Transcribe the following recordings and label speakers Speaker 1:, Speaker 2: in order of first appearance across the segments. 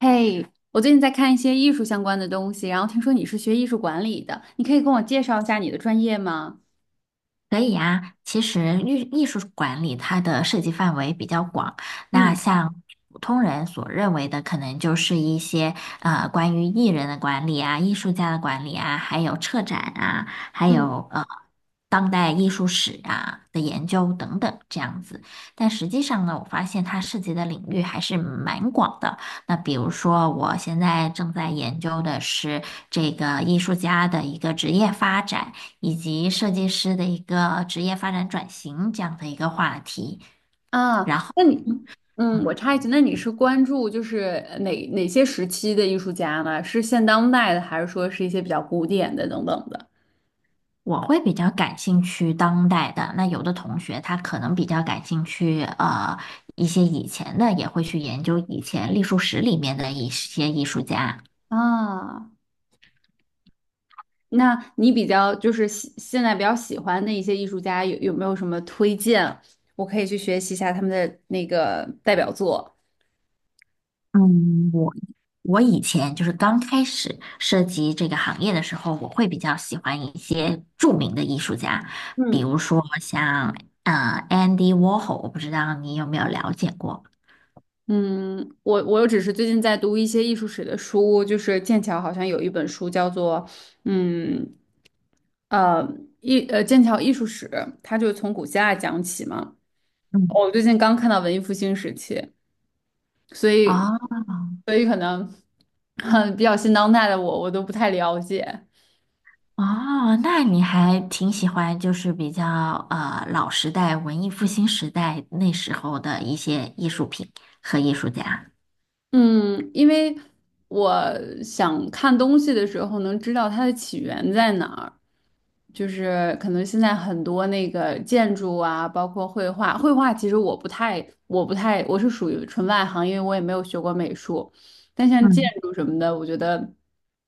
Speaker 1: 嘿，我最近在看一些艺术相关的东西，然后听说你是学艺术管理的，你可以跟我介绍一下你的专业吗？
Speaker 2: 可以啊，其实艺术管理它的涉及范围比较广，那
Speaker 1: 嗯
Speaker 2: 像普通人所认为的，可能就是一些关于艺人的管理啊、艺术家的管理啊，还有策展啊，还
Speaker 1: 嗯
Speaker 2: 有当代艺术史啊的研究等等这样子。但实际上呢，我发现它涉及的领域还是蛮广的。那比如说，我现在正在研究的是这个艺术家的一个职业发展。以及设计师的一个职业发展转型这样的一个话题。
Speaker 1: 那你，
Speaker 2: 嗯，
Speaker 1: 我插一句，那你是关注就是哪些时期的艺术家呢？是现当代的，还是说是一些比较古典的等等的？
Speaker 2: 我会比较感兴趣当代的，那有的同学他可能比较感兴趣一些以前的，也会去研究以前艺术史里面的一些艺术家。
Speaker 1: 啊，那你比较就是现在比较喜欢的一些艺术家有没有什么推荐？我可以去学习一下他们的那个代表作。
Speaker 2: 嗯，我以前就是刚开始涉及这个行业的时候，我会比较喜欢一些著名的艺术家，比
Speaker 1: 嗯。
Speaker 2: 如说像Andy Warhol，我不知道你有没有了解过。
Speaker 1: 我只是最近在读一些艺术史的书，就是剑桥好像有一本书叫做，嗯呃艺呃剑桥艺术史，它就从古希腊讲起嘛。
Speaker 2: 嗯，
Speaker 1: 我最近刚看到文艺复兴时期，所以
Speaker 2: 啊。
Speaker 1: 所以可能 比较新当代的我都不太了解。
Speaker 2: 哦，那你还挺喜欢，就是比较老时代、文艺复兴时代那时候的一些艺术品和艺术家。
Speaker 1: 嗯，因为我想看东西的时候能知道它的起源在哪儿，就是可能现在很多那个建筑啊，包括绘画，绘画其实我不太，我不太，我是属于纯外行，因为我也没有学过美术，但像建
Speaker 2: 嗯
Speaker 1: 筑什么的，我觉得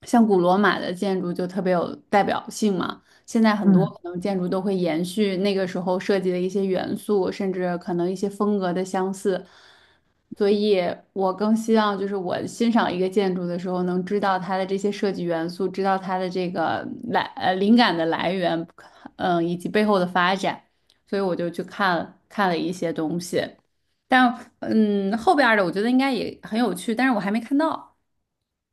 Speaker 1: 像古罗马的建筑就特别有代表性嘛。现在很多
Speaker 2: 嗯
Speaker 1: 可能建筑都会延续那个时候设计的一些元素，甚至可能一些风格的相似，所以我更希望就是我欣赏一个建筑的时候，能知道它的这些设计元素，知道它的这个灵感的来源，嗯，以及背后的发展，所以我就去看看了一些东西，但后边儿的我觉得应该也很有趣，但是我还没看到，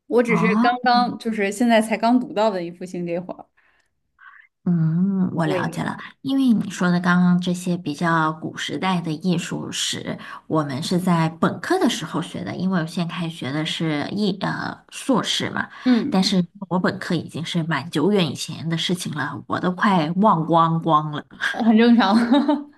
Speaker 1: 我只是
Speaker 2: 哦，
Speaker 1: 刚刚就是现在才刚读到的一幅新这会儿，
Speaker 2: 嗯，我了解
Speaker 1: 对，
Speaker 2: 了。因为你说的刚刚这些比较古时代的艺术史，我们是在本科的时候学的，因为我现在开始学的是硕士嘛，但
Speaker 1: 嗯。
Speaker 2: 是我本科已经是蛮久远以前的事情了，我都快忘光光了。
Speaker 1: 很正常。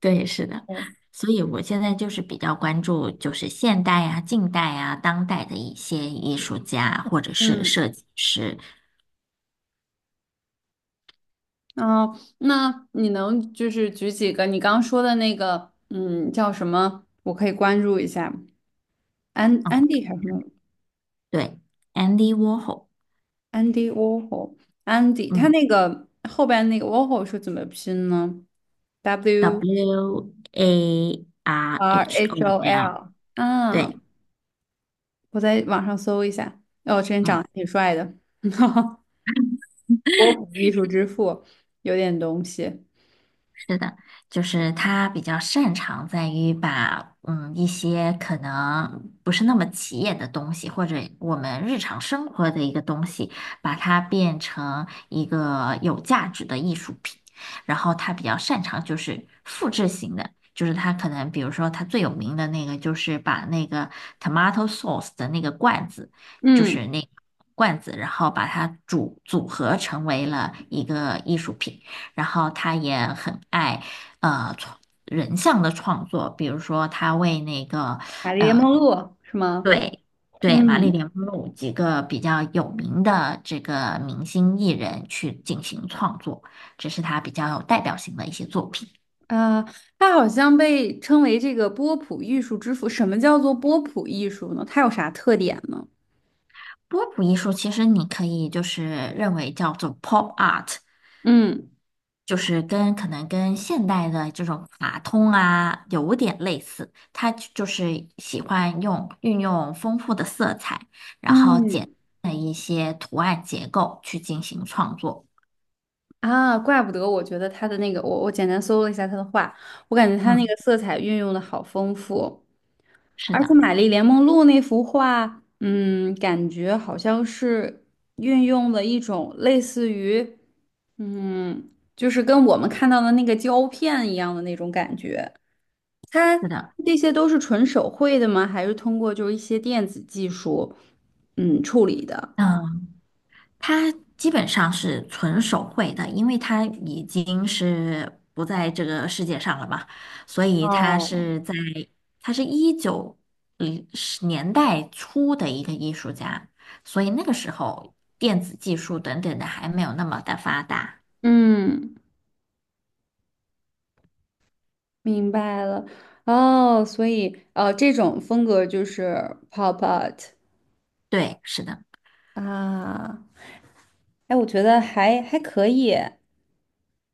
Speaker 2: 对，是的，
Speaker 1: 对，
Speaker 2: 所以我现在就是比较关注，就是现代啊、近代啊、当代的一些艺术家或者是
Speaker 1: 嗯，
Speaker 2: 设计师。
Speaker 1: 哦，那你能就是举几个你刚刚说的那个，嗯，叫什么？我可以关注一下。安安
Speaker 2: 嗯，
Speaker 1: 迪还是什么？
Speaker 2: 对，Andy Warhol，
Speaker 1: 安迪沃霍，安迪，他
Speaker 2: 嗯
Speaker 1: 那个后边那个沃霍是怎么拼呢？W
Speaker 2: ，W A R
Speaker 1: R
Speaker 2: H O
Speaker 1: H O
Speaker 2: L，
Speaker 1: L 啊，
Speaker 2: 对，
Speaker 1: 我在网上搜一下。哦，真长
Speaker 2: 嗯。
Speaker 1: 得挺帅的，波普艺术之父，有点东西。
Speaker 2: 是的，就是他比较擅长在于把一些可能不是那么起眼的东西，或者我们日常生活的一个东西，把它变成一个有价值的艺术品。然后他比较擅长就是复制型的，就是他可能比如说他最有名的那个就是把那个 tomato sauce 的那个罐子，就是
Speaker 1: 嗯，
Speaker 2: 那个罐子，然后把它组合成为了一个艺术品。然后他也很爱呃创人像的创作，比如说他为那个
Speaker 1: 玛丽莲梦露是吗？
Speaker 2: 对，对玛丽
Speaker 1: 嗯。
Speaker 2: 莲梦露几个比较有名的这个明星艺人去进行创作，这是他比较有代表性的一些作品。
Speaker 1: 啊，它好像被称为这个波普艺术之父。什么叫做波普艺术呢？它有啥特点呢？
Speaker 2: 波普艺术其实你可以就是认为叫做 pop art，
Speaker 1: 嗯
Speaker 2: 就是跟可能跟现代的这种卡通啊有点类似，它就是喜欢用运用丰富的色彩，然后简
Speaker 1: 嗯，
Speaker 2: 单的一些图案结构去进行创作。
Speaker 1: 啊，怪不得我觉得他的那个，我我简单搜了一下他的画，我感觉他那
Speaker 2: 嗯，
Speaker 1: 个色彩运用的好丰富，
Speaker 2: 是
Speaker 1: 而且
Speaker 2: 的，
Speaker 1: 《玛丽莲梦露》那幅画，嗯，感觉好像是运用了一种类似于，嗯，就是跟我们看到的那个胶片一样的那种感觉。
Speaker 2: 是的，
Speaker 1: 这些都是纯手绘的吗？还是通过就是一些电子技术，嗯，处理的？
Speaker 2: 嗯，它基本上是纯手绘的，因为它已经是不在这个世界上了嘛，所以它
Speaker 1: 哦，
Speaker 2: 是在，它是一九年代初的一个艺术家，所以那个时候电子技术等等的还没有那么的发达。
Speaker 1: 嗯，明白了。哦，所以这种风格就是 pop art
Speaker 2: 对，是的，
Speaker 1: 啊。哎，我觉得还可以。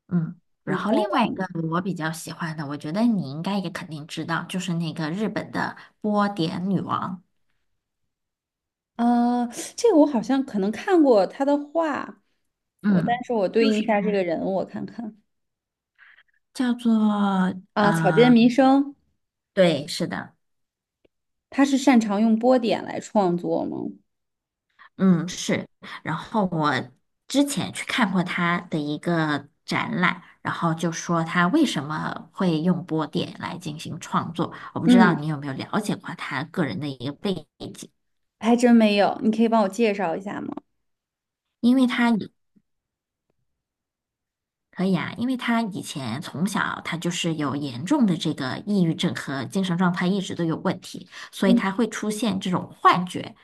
Speaker 2: 嗯。
Speaker 1: 挺
Speaker 2: 然后
Speaker 1: 漂
Speaker 2: 另外一个我比较喜欢的，我觉得你应该也肯定知道，就是那个日本的波点女王，
Speaker 1: 亮啊，这个我好像可能看过他的画，我但
Speaker 2: 嗯，
Speaker 1: 是我对
Speaker 2: 就
Speaker 1: 应一
Speaker 2: 是
Speaker 1: 下这个人，我看看
Speaker 2: 叫做
Speaker 1: 啊，草间
Speaker 2: 呃。
Speaker 1: 弥生，
Speaker 2: 对，是的，
Speaker 1: 他是擅长用波点来创作吗？
Speaker 2: 嗯，是。然后我之前去看过他的一个展览，然后就说他为什么会用波点来进行创作。我不知道
Speaker 1: 嗯。
Speaker 2: 你有没有了解过他个人的一个背景，
Speaker 1: 还真没有，你可以帮我介绍一下吗？
Speaker 2: 因为他也可以啊，因为他以前从小他就是有严重的这个抑郁症和精神状态一直都有问题，所以
Speaker 1: 嗯，
Speaker 2: 他会出现这种幻觉。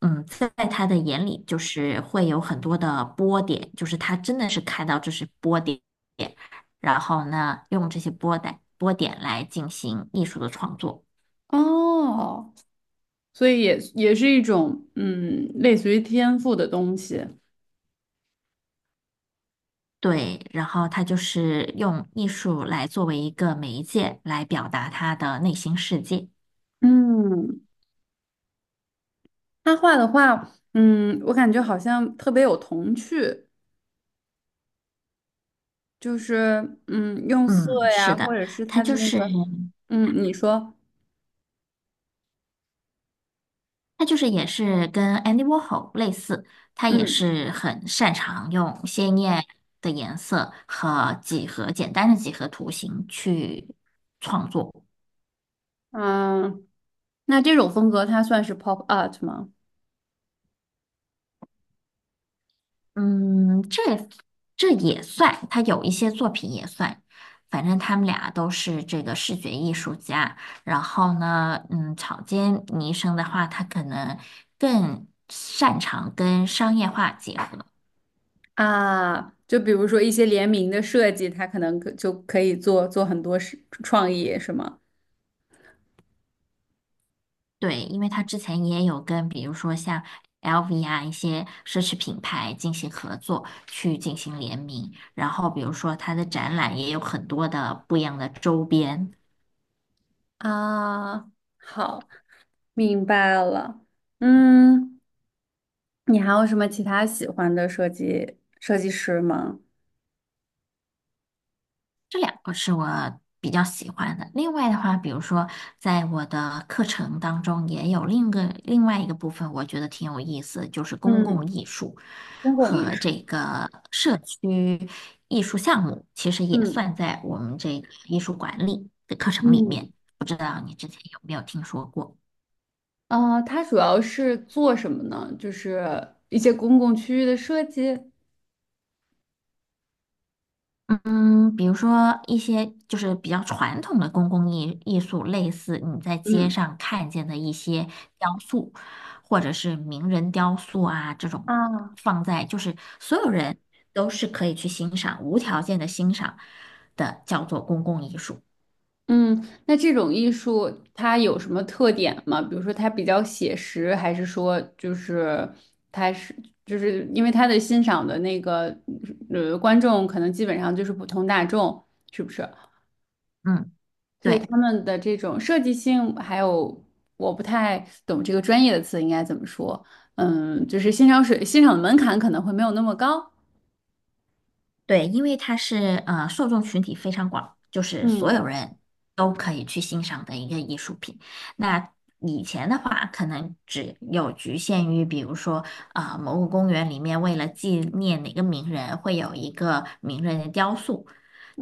Speaker 2: 嗯，在他的眼里就是会有很多的波点，就是他真的是看到这是波点，然后呢，用这些波点来进行艺术的创作。
Speaker 1: 哦，所以也是一种嗯，类似于天赋的东西。
Speaker 2: 对，然后他就是用艺术来作为一个媒介来表达他的内心世界。
Speaker 1: 嗯，他画的画，嗯，我感觉好像特别有童趣，就是嗯，用色
Speaker 2: 嗯，
Speaker 1: 呀，
Speaker 2: 是
Speaker 1: 或
Speaker 2: 的，
Speaker 1: 者是
Speaker 2: 他
Speaker 1: 他的
Speaker 2: 就
Speaker 1: 那
Speaker 2: 是。
Speaker 1: 个，嗯，你说，
Speaker 2: 他就是也是跟 Andy Warhol 类似，他也
Speaker 1: 嗯
Speaker 2: 是很擅长用鲜艳的颜色和简单的几何图形去创作。
Speaker 1: 啊，那这种风格它算是 pop art 吗？
Speaker 2: 嗯，这也算，他有一些作品也算。反正他们俩都是这个视觉艺术家。然后呢，嗯，草间弥生的话，他可能更擅长跟商业化结合。
Speaker 1: 啊，就比如说一些联名的设计，它可能就可以做很多是创意，是吗？
Speaker 2: 对，因为他之前也有跟，比如说像 LV 啊一些奢侈品牌进行合作，去进行联名，然后比如说他的展览也有很多的不一样的周边。
Speaker 1: 啊，好，明白了。嗯，你还有什么其他喜欢的设计师吗？
Speaker 2: 这两个是我比较喜欢的。另外的话，比如说在我的课程当中，也有另外一个部分，我觉得挺有意思，就是公共
Speaker 1: 嗯，
Speaker 2: 艺术
Speaker 1: 公共艺
Speaker 2: 和这
Speaker 1: 术。
Speaker 2: 个社区艺术项目，其实也
Speaker 1: 嗯，
Speaker 2: 算在我们这个艺术管理的课程里面。
Speaker 1: 嗯，
Speaker 2: 不知道你之前有没有听说过？
Speaker 1: 啊，他主要是做什么呢？就是一些公共区域的设计。
Speaker 2: 嗯，比如说一些就是比较传统的公共艺术，类似你在街
Speaker 1: 嗯，
Speaker 2: 上看见的一些雕塑，或者是名人雕塑啊，这种
Speaker 1: 啊。
Speaker 2: 放在就是所有人都是可以去欣赏，无条件的欣赏的，叫做公共艺术。
Speaker 1: 嗯，那这种艺术它有什么特点吗？比如说它比较写实，还是说就是它是就是因为它的欣赏的那个呃观众可能基本上就是普通大众，是不是？
Speaker 2: 嗯，
Speaker 1: 所以
Speaker 2: 对。
Speaker 1: 他们的这种设计性，还有我不太懂这个专业的词应该怎么说，嗯，就是欣赏的门槛可能会没有那么高。
Speaker 2: 对，因为它是受众群体非常广，就是所
Speaker 1: 嗯
Speaker 2: 有人都可以去欣赏的一个艺术品。那以前的话，可能只有局限于，比如说某个公园里面为了纪念哪个名人，会有一个名人的雕塑，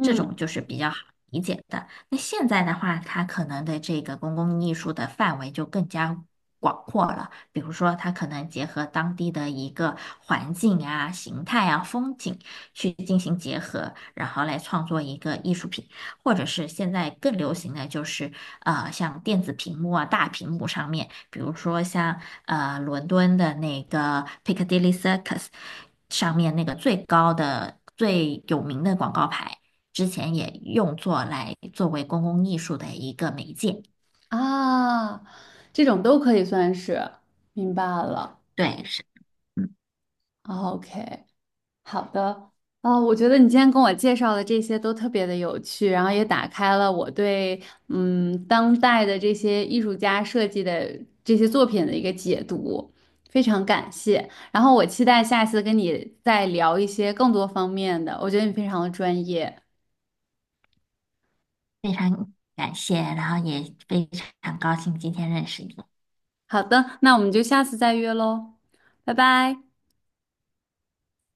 Speaker 2: 这种就是比较好理解的。那现在的话，它可能的这个公共艺术的范围就更加。广阔了，比如说它可能结合当地的一个环境啊、形态啊、风景。去进行结合，然后来创作一个艺术品，或者是现在更流行的就是，像电子屏幕啊、大屏幕上面，比如说像伦敦的那个 Piccadilly Circus 上面那个最高的、最有名的广告牌，之前也用作来作为公共艺术的一个媒介。
Speaker 1: 啊，这种都可以算是明白了。
Speaker 2: 对，是，嗯，
Speaker 1: OK。好的，啊、我觉得你今天跟我介绍的这些都特别的有趣，然后也打开了我对嗯当代的这些艺术家设计的这些作品的一个解读，非常感谢。然后我期待下次跟你再聊一些更多方面的，我觉得你非常的专业。
Speaker 2: 非常感谢，然后也非常高兴今天认识你。
Speaker 1: 好的，那我们就下次再约喽，拜拜。